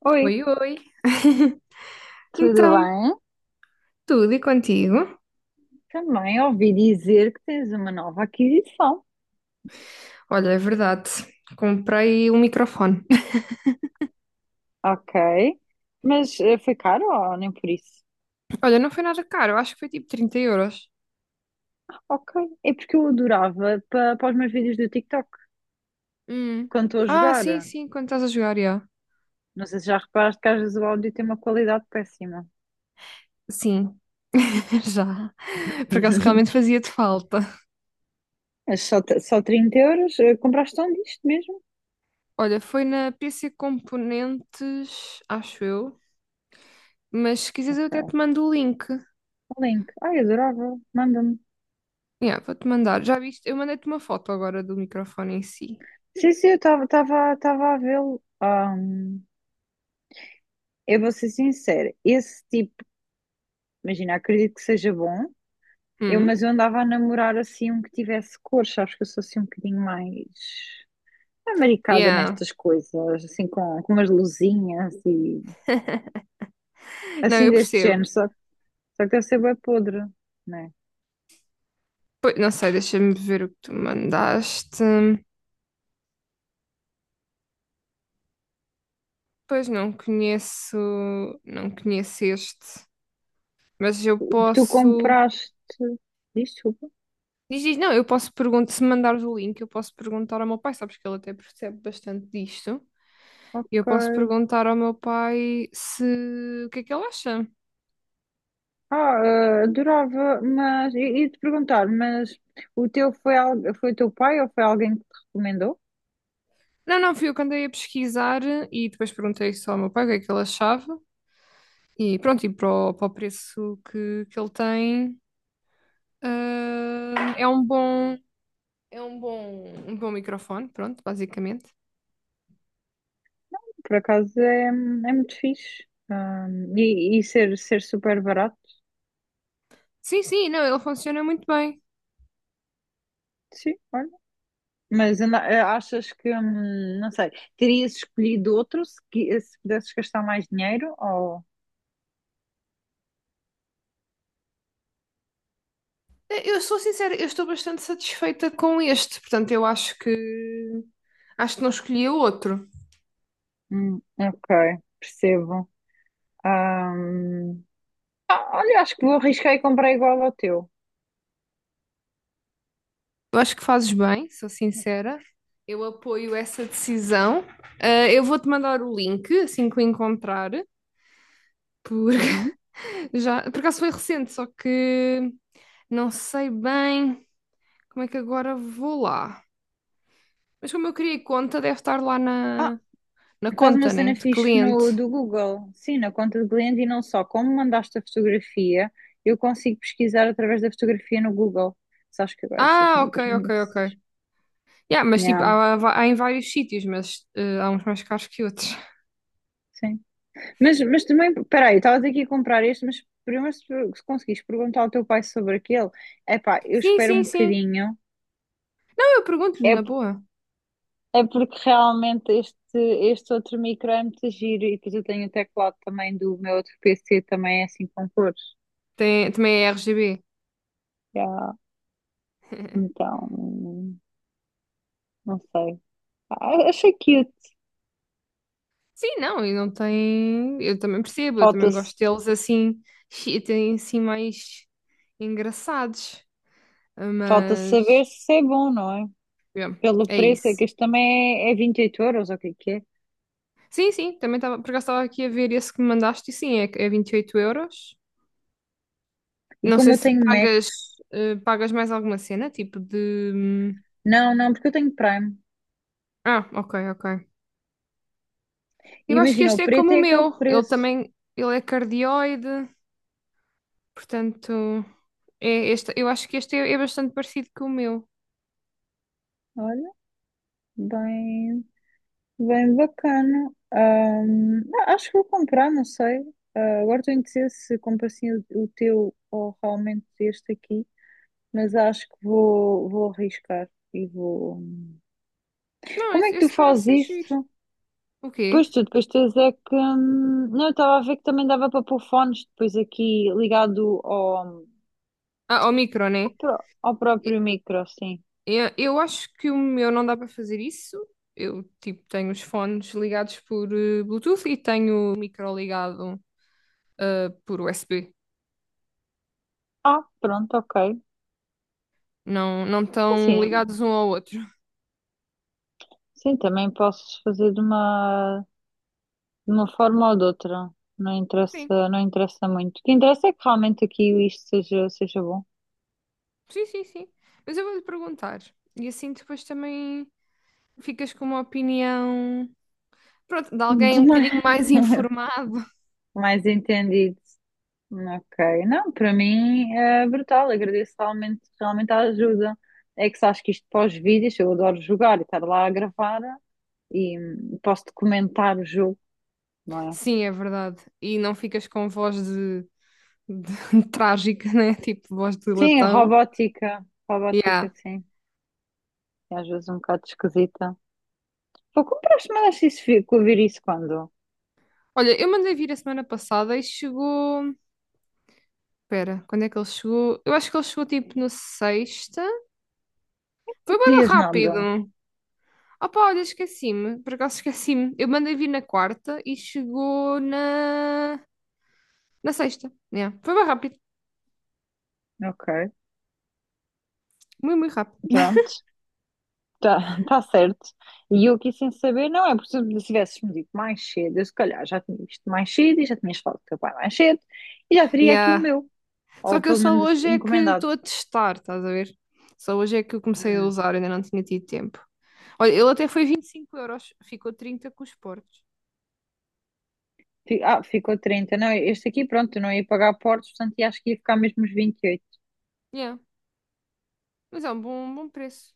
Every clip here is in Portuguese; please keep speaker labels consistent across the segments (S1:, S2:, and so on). S1: Oi,
S2: Oi, oi.
S1: tudo
S2: Então,
S1: bem?
S2: tudo e contigo?
S1: Também ouvi dizer que tens uma nova aquisição.
S2: Olha, é verdade. Comprei um microfone.
S1: Ok. Mas foi caro ou nem por isso?
S2: Olha, não foi nada caro. Acho que foi tipo 30 euros.
S1: Ok. É porque eu adorava para, os meus vídeos do TikTok
S2: Hum.
S1: quando estou a
S2: Ah, sim,
S1: jogar.
S2: sim. Quando estás a jogar, já.
S1: Não sei se já reparaste que às vezes o áudio tem uma qualidade péssima.
S2: Sim, já. Por acaso realmente fazia-te falta.
S1: Mas só, só 30 euros? Compraste onde isto mesmo?
S2: Olha, foi na PC Componentes, acho eu. Mas se quiseres, eu até te
S1: Ok.
S2: mando o link.
S1: O link. Ai, adorava. Manda-me.
S2: Yeah, vou-te mandar. Já viste? Eu mandei-te uma foto agora do microfone em si.
S1: Sim, sim, eu estava a vê-lo. Eu vou ser sincera. Esse tipo, imagina, acredito que seja bom. Eu,
S2: Hum?
S1: mas eu andava a namorar assim um que tivesse cores, sabes que eu sou assim um bocadinho mais amaricada
S2: Yeah.
S1: nestas coisas, assim com umas luzinhas e
S2: Não,
S1: assim
S2: eu
S1: deste género,
S2: percebo.
S1: só, só que deve ser bem podre, né?
S2: Pois, não sei, deixa-me ver o que tu mandaste. Pois não conheço, não conheço este, mas eu
S1: O que tu
S2: posso.
S1: compraste, diz, desculpa,
S2: Diz, diz, não, eu posso perguntar, se mandares o link, eu posso perguntar ao meu pai, sabes que ele até percebe bastante disto. E eu posso
S1: ok.
S2: perguntar ao meu pai se o que é que ele acha.
S1: Adorava, mas e te perguntar, mas o teu foi, foi o teu pai ou foi alguém que te recomendou?
S2: Não, não, fui eu que andei a pesquisar e depois perguntei só ao meu pai o que é que ele achava. E pronto, e para o preço que ele tem, é um bom, é um bom microfone, pronto, basicamente.
S1: Por acaso é muito fixe. E, ser super barato,
S2: Sim, sim, não, ele funciona muito bem.
S1: sim, olha. Achas que, não sei, terias escolhido outro se pudesses gastar mais dinheiro? Ou...
S2: Eu sou sincera, eu estou bastante satisfeita com este, portanto, eu acho que não escolhi o outro.
S1: Ok, percebo. Ahm, olha, acho que vou arriscar e comprar igual ao teu.
S2: Eu acho que fazes bem, sou sincera. Eu apoio essa decisão. Ah, eu vou-te mandar o link assim que o encontrar, porque
S1: Uhum.
S2: já, por acaso foi recente, só que não sei bem como é que agora vou lá. Mas como eu criei conta, deve estar lá na,
S1: Ah,
S2: na
S1: estás
S2: conta,
S1: uma
S2: né,
S1: cena
S2: de
S1: fixe
S2: cliente.
S1: no, do Google. Sim, na conta do cliente e não só. Como mandaste a fotografia, eu consigo pesquisar através da fotografia no Google. Sabes que agora estas
S2: Ah, ok, ok, ok.
S1: modernices.
S2: Yeah, mas tipo,
S1: Yeah,
S2: há em vários sítios, mas há uns mais caros que outros.
S1: sim. Mas também, peraí, estavas aqui a comprar este, mas primeiro se, se conseguires perguntar ao teu pai sobre aquele, epá, eu
S2: Sim,
S1: espero
S2: sim,
S1: um
S2: sim.
S1: bocadinho.
S2: Não, eu pergunto-lhe
S1: É,
S2: na
S1: p-
S2: boa.
S1: é porque realmente este, este outro micro é muito giro e depois eu tenho o teclado também do meu outro PC, também é assim com cores.
S2: Tem, também é RGB.
S1: Já, então, não sei. Ah, achei cute.
S2: Sim, não, e não tem. Eu também percebo, eu também
S1: Falta-se,
S2: gosto deles assim, chi- tem assim mais engraçados.
S1: falta saber
S2: Mas
S1: se é bom, não é?
S2: yeah,
S1: Pelo
S2: é
S1: preço, é
S2: isso.
S1: que este também é 28 euros, ou o que é que é?
S2: Sim, sim, também estava, por acaso estava aqui a ver esse que me mandaste e sim, é, é 28 euros.
S1: E
S2: Não
S1: como
S2: sei
S1: eu
S2: se
S1: tenho Mac,
S2: pagas, pagas mais alguma cena, tipo de.
S1: não, porque eu tenho Prime.
S2: Ah, ok, ok.
S1: E
S2: Eu acho que
S1: imagina, o
S2: este é como
S1: preto
S2: o
S1: é aquele
S2: meu. Ele
S1: preço.
S2: também, ele é cardioide, portanto, é este, eu acho que este é, é bastante parecido com o meu.
S1: Olha, bem, bem bacana. Não, acho que vou comprar, não sei. Agora estou indecisa se compro assim o teu ou realmente este aqui, mas acho que vou arriscar e vou.
S2: Não,
S1: Como é
S2: esse,
S1: que tu
S2: esse
S1: fazes
S2: parece ser giro.
S1: isso?
S2: O
S1: Pois
S2: quê?
S1: tu, depois tens é que. Não, eu estava a ver que também dava para pôr fones depois aqui ligado ao,
S2: Ah, o micro, né?
S1: ao
S2: E-
S1: próprio micro, assim.
S2: Eu acho que o meu não dá para fazer isso. Eu, tipo, tenho os fones ligados por Bluetooth e tenho o micro ligado por USB.
S1: Ah, pronto, ok.
S2: Não, não estão
S1: Assim,
S2: ligados um ao outro.
S1: sim, também posso fazer de uma forma ou de outra. Não
S2: Sim,
S1: interessa, não interessa muito. O que interessa é que realmente aqui isto seja, seja bom.
S2: sim, sim, sim. Mas eu vou-lhe perguntar. E assim depois também... ficas com uma opinião, pronto, de alguém
S1: De
S2: um
S1: mais,
S2: bocadinho mais informado.
S1: mais entendido. Ok. Não, para mim é brutal. Agradeço realmente, realmente a ajuda. É que se acho que isto pós-vídeos, eu adoro jogar e estar lá a gravar e posso documentar o jogo, não é?
S2: Sim, é verdade. E não ficas com voz de- trágica, né? Tipo, voz de
S1: Sim,
S2: latão.
S1: robótica.
S2: Yeah.
S1: Robótica, sim. É às vezes um bocado esquisita. Pô, compraste, mandaste isso vir, com ouvir isso quando? Não
S2: Olha, eu mandei vir a semana passada e chegou. Espera, quando é que ele chegou? Eu acho que ele chegou tipo na sexta. Foi bem
S1: dizias
S2: rápido.
S1: nada.
S2: Opa, olha, esqueci-me. Por acaso esqueci-me. Eu mandei vir na quarta e chegou na, na sexta. Yeah. Foi bem rápido.
S1: Ok,
S2: Muito, muito rápido.
S1: pronto, tá, tá certo. E eu aqui sem saber, não é porque se tivesses-me dito mais cedo, eu se calhar já tinha visto mais cedo e já tinhas falado com o teu pai mais cedo e já teria aqui o
S2: Yeah.
S1: meu,
S2: Só
S1: ou
S2: que eu
S1: pelo
S2: só
S1: menos
S2: hoje é que
S1: encomendado.
S2: estou a testar, estás a ver? Só hoje é que eu comecei a
S1: Hum.
S2: usar, ainda não tinha tido tempo. Olha, ele até foi 25 euros, ficou trinta com os portos.
S1: Ficou 30. Não, este aqui, pronto, eu não ia pagar portos, portanto, e acho que ia ficar mesmo os 28.
S2: Yeah. Mas é um bom preço.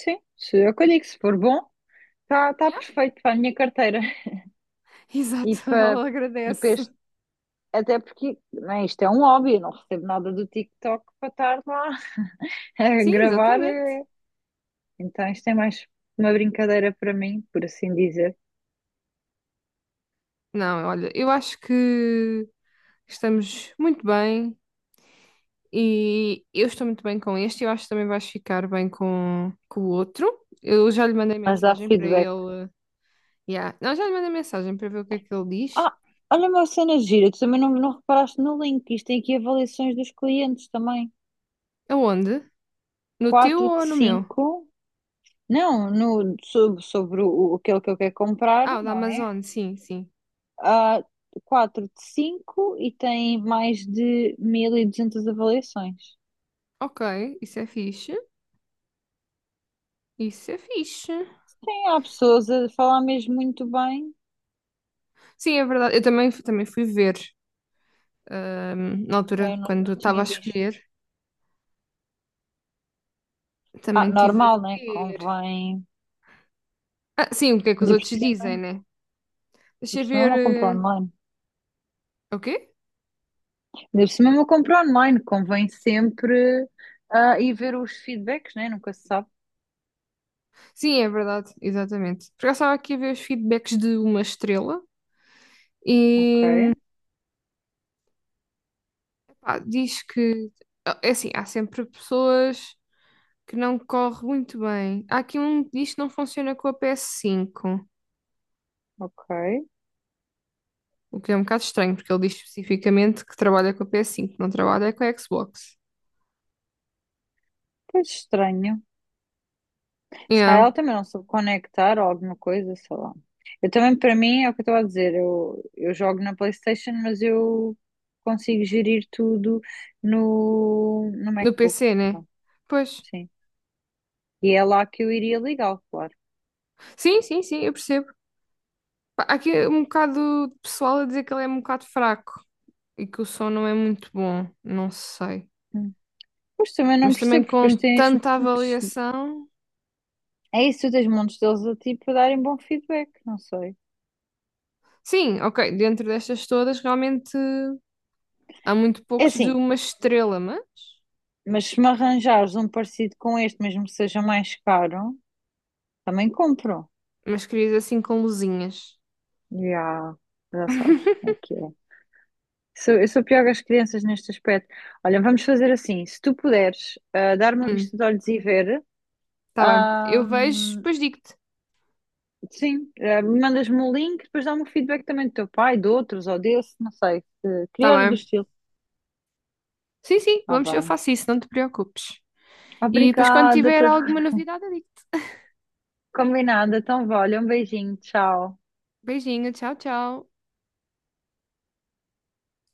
S1: Sim, se eu que digo, se for bom, está tá
S2: Yeah.
S1: perfeito para a minha carteira e
S2: Exato,
S1: para,
S2: ela
S1: e para
S2: agradece.
S1: este. Até porque né, isto é um hobby, eu não recebo nada do TikTok para estar lá a
S2: Sim,
S1: gravar.
S2: exatamente.
S1: Então isto é mais uma brincadeira para mim, por assim dizer.
S2: Não, olha, eu acho que estamos muito bem e eu estou muito bem com este. Eu acho que também vais ficar bem com o outro. Eu já lhe mandei
S1: Mas dá
S2: mensagem para
S1: feedback.
S2: ele. Yeah. Não, já lhe mandei mensagem para ver o que é que ele diz.
S1: Ah, olha uma cena gira, tu também não reparaste no link. Isto tem aqui avaliações dos clientes também.
S2: Aonde? No teu
S1: quatro de
S2: ou no meu?
S1: cinco Não, no, sobre, sobre aquele que eu quero comprar,
S2: Ah, o da
S1: não é?
S2: Amazon, sim, sim.
S1: Ah, 4 de 5 e tem mais de 1200 avaliações.
S2: Ok, isso é fixe. Isso é fixe.
S1: Há pessoas a falar mesmo muito bem.
S2: Sim, é verdade. Eu também, fu- também fui ver, na altura,
S1: Eu não,
S2: quando
S1: não
S2: estava a
S1: tinha visto.
S2: escolher,
S1: Ah,
S2: também tive a
S1: normal, né?
S2: ver.
S1: Convém.
S2: Ah, sim, o que é que os outros dizem,
S1: Ainda
S2: né? Deixa
S1: por
S2: eu
S1: cima eu
S2: ver.
S1: não compro
S2: eh,
S1: online.
S2: O quê?
S1: Ainda por cima eu não compro online. Convém sempre ir ver os feedbacks, né? Nunca se sabe.
S2: Sim, é verdade, exatamente. Porque eu estava aqui a ver os feedbacks de uma estrela
S1: Ok,
S2: e pá, diz que. É assim, há sempre pessoas que não corre muito bem. Há aqui um que diz que não funciona com a PS5.
S1: ok.
S2: O que é um bocado estranho, porque ele diz especificamente que trabalha com a PS5, não trabalha com a Xbox.
S1: Pois estranho. Se calhar
S2: Yeah.
S1: ela também não soube conectar ou alguma coisa, sei lá. Eu também, para mim, é o que eu estou a dizer. Eu jogo na PlayStation, mas eu consigo gerir tudo no
S2: No
S1: MacBook.
S2: PC, né?
S1: Pronto,
S2: Pois.
S1: sim. E é lá que eu iria ligá-lo, claro.
S2: Sim, sim, sim, eu percebo. Pá, há aqui é um bocado de pessoal a dizer que ele é um bocado fraco e que o som não é muito bom. Não sei.
S1: Hum. Mas também não
S2: Mas
S1: percebo,
S2: também
S1: porque depois
S2: com
S1: tens
S2: tanta
S1: montes.
S2: avaliação.
S1: É isso, tu tens montes deles a ti para darem bom feedback, não sei.
S2: Sim, ok, dentro destas todas, realmente há muito
S1: É
S2: poucos de
S1: assim,
S2: uma estrela, mas.
S1: mas se me arranjares um parecido com este, mesmo que seja mais caro, também compro.
S2: Mas querias assim com luzinhas.
S1: Já, já sabes como é que é. Eu sou pior que as crianças neste aspecto. Olha, vamos fazer assim: se tu puderes dar uma
S2: Hum,
S1: vista de olhos e ver,
S2: tá bem.
S1: ah,
S2: Eu vejo, depois digo-te.
S1: sim, mandas-me o link, depois dá-me o feedback também do teu pai, de outros ou desse, não sei, se
S2: Tá
S1: criar do
S2: bem.
S1: estilo.
S2: Sim, sim,
S1: Está
S2: vamos, eu
S1: bem.
S2: faço isso, não te preocupes. E depois, quando
S1: Obrigada,
S2: tiver alguma novidade, eu digo.
S1: combinada. Então, vá, olha, um beijinho, tchau.
S2: Beijinho, tchau, tchau.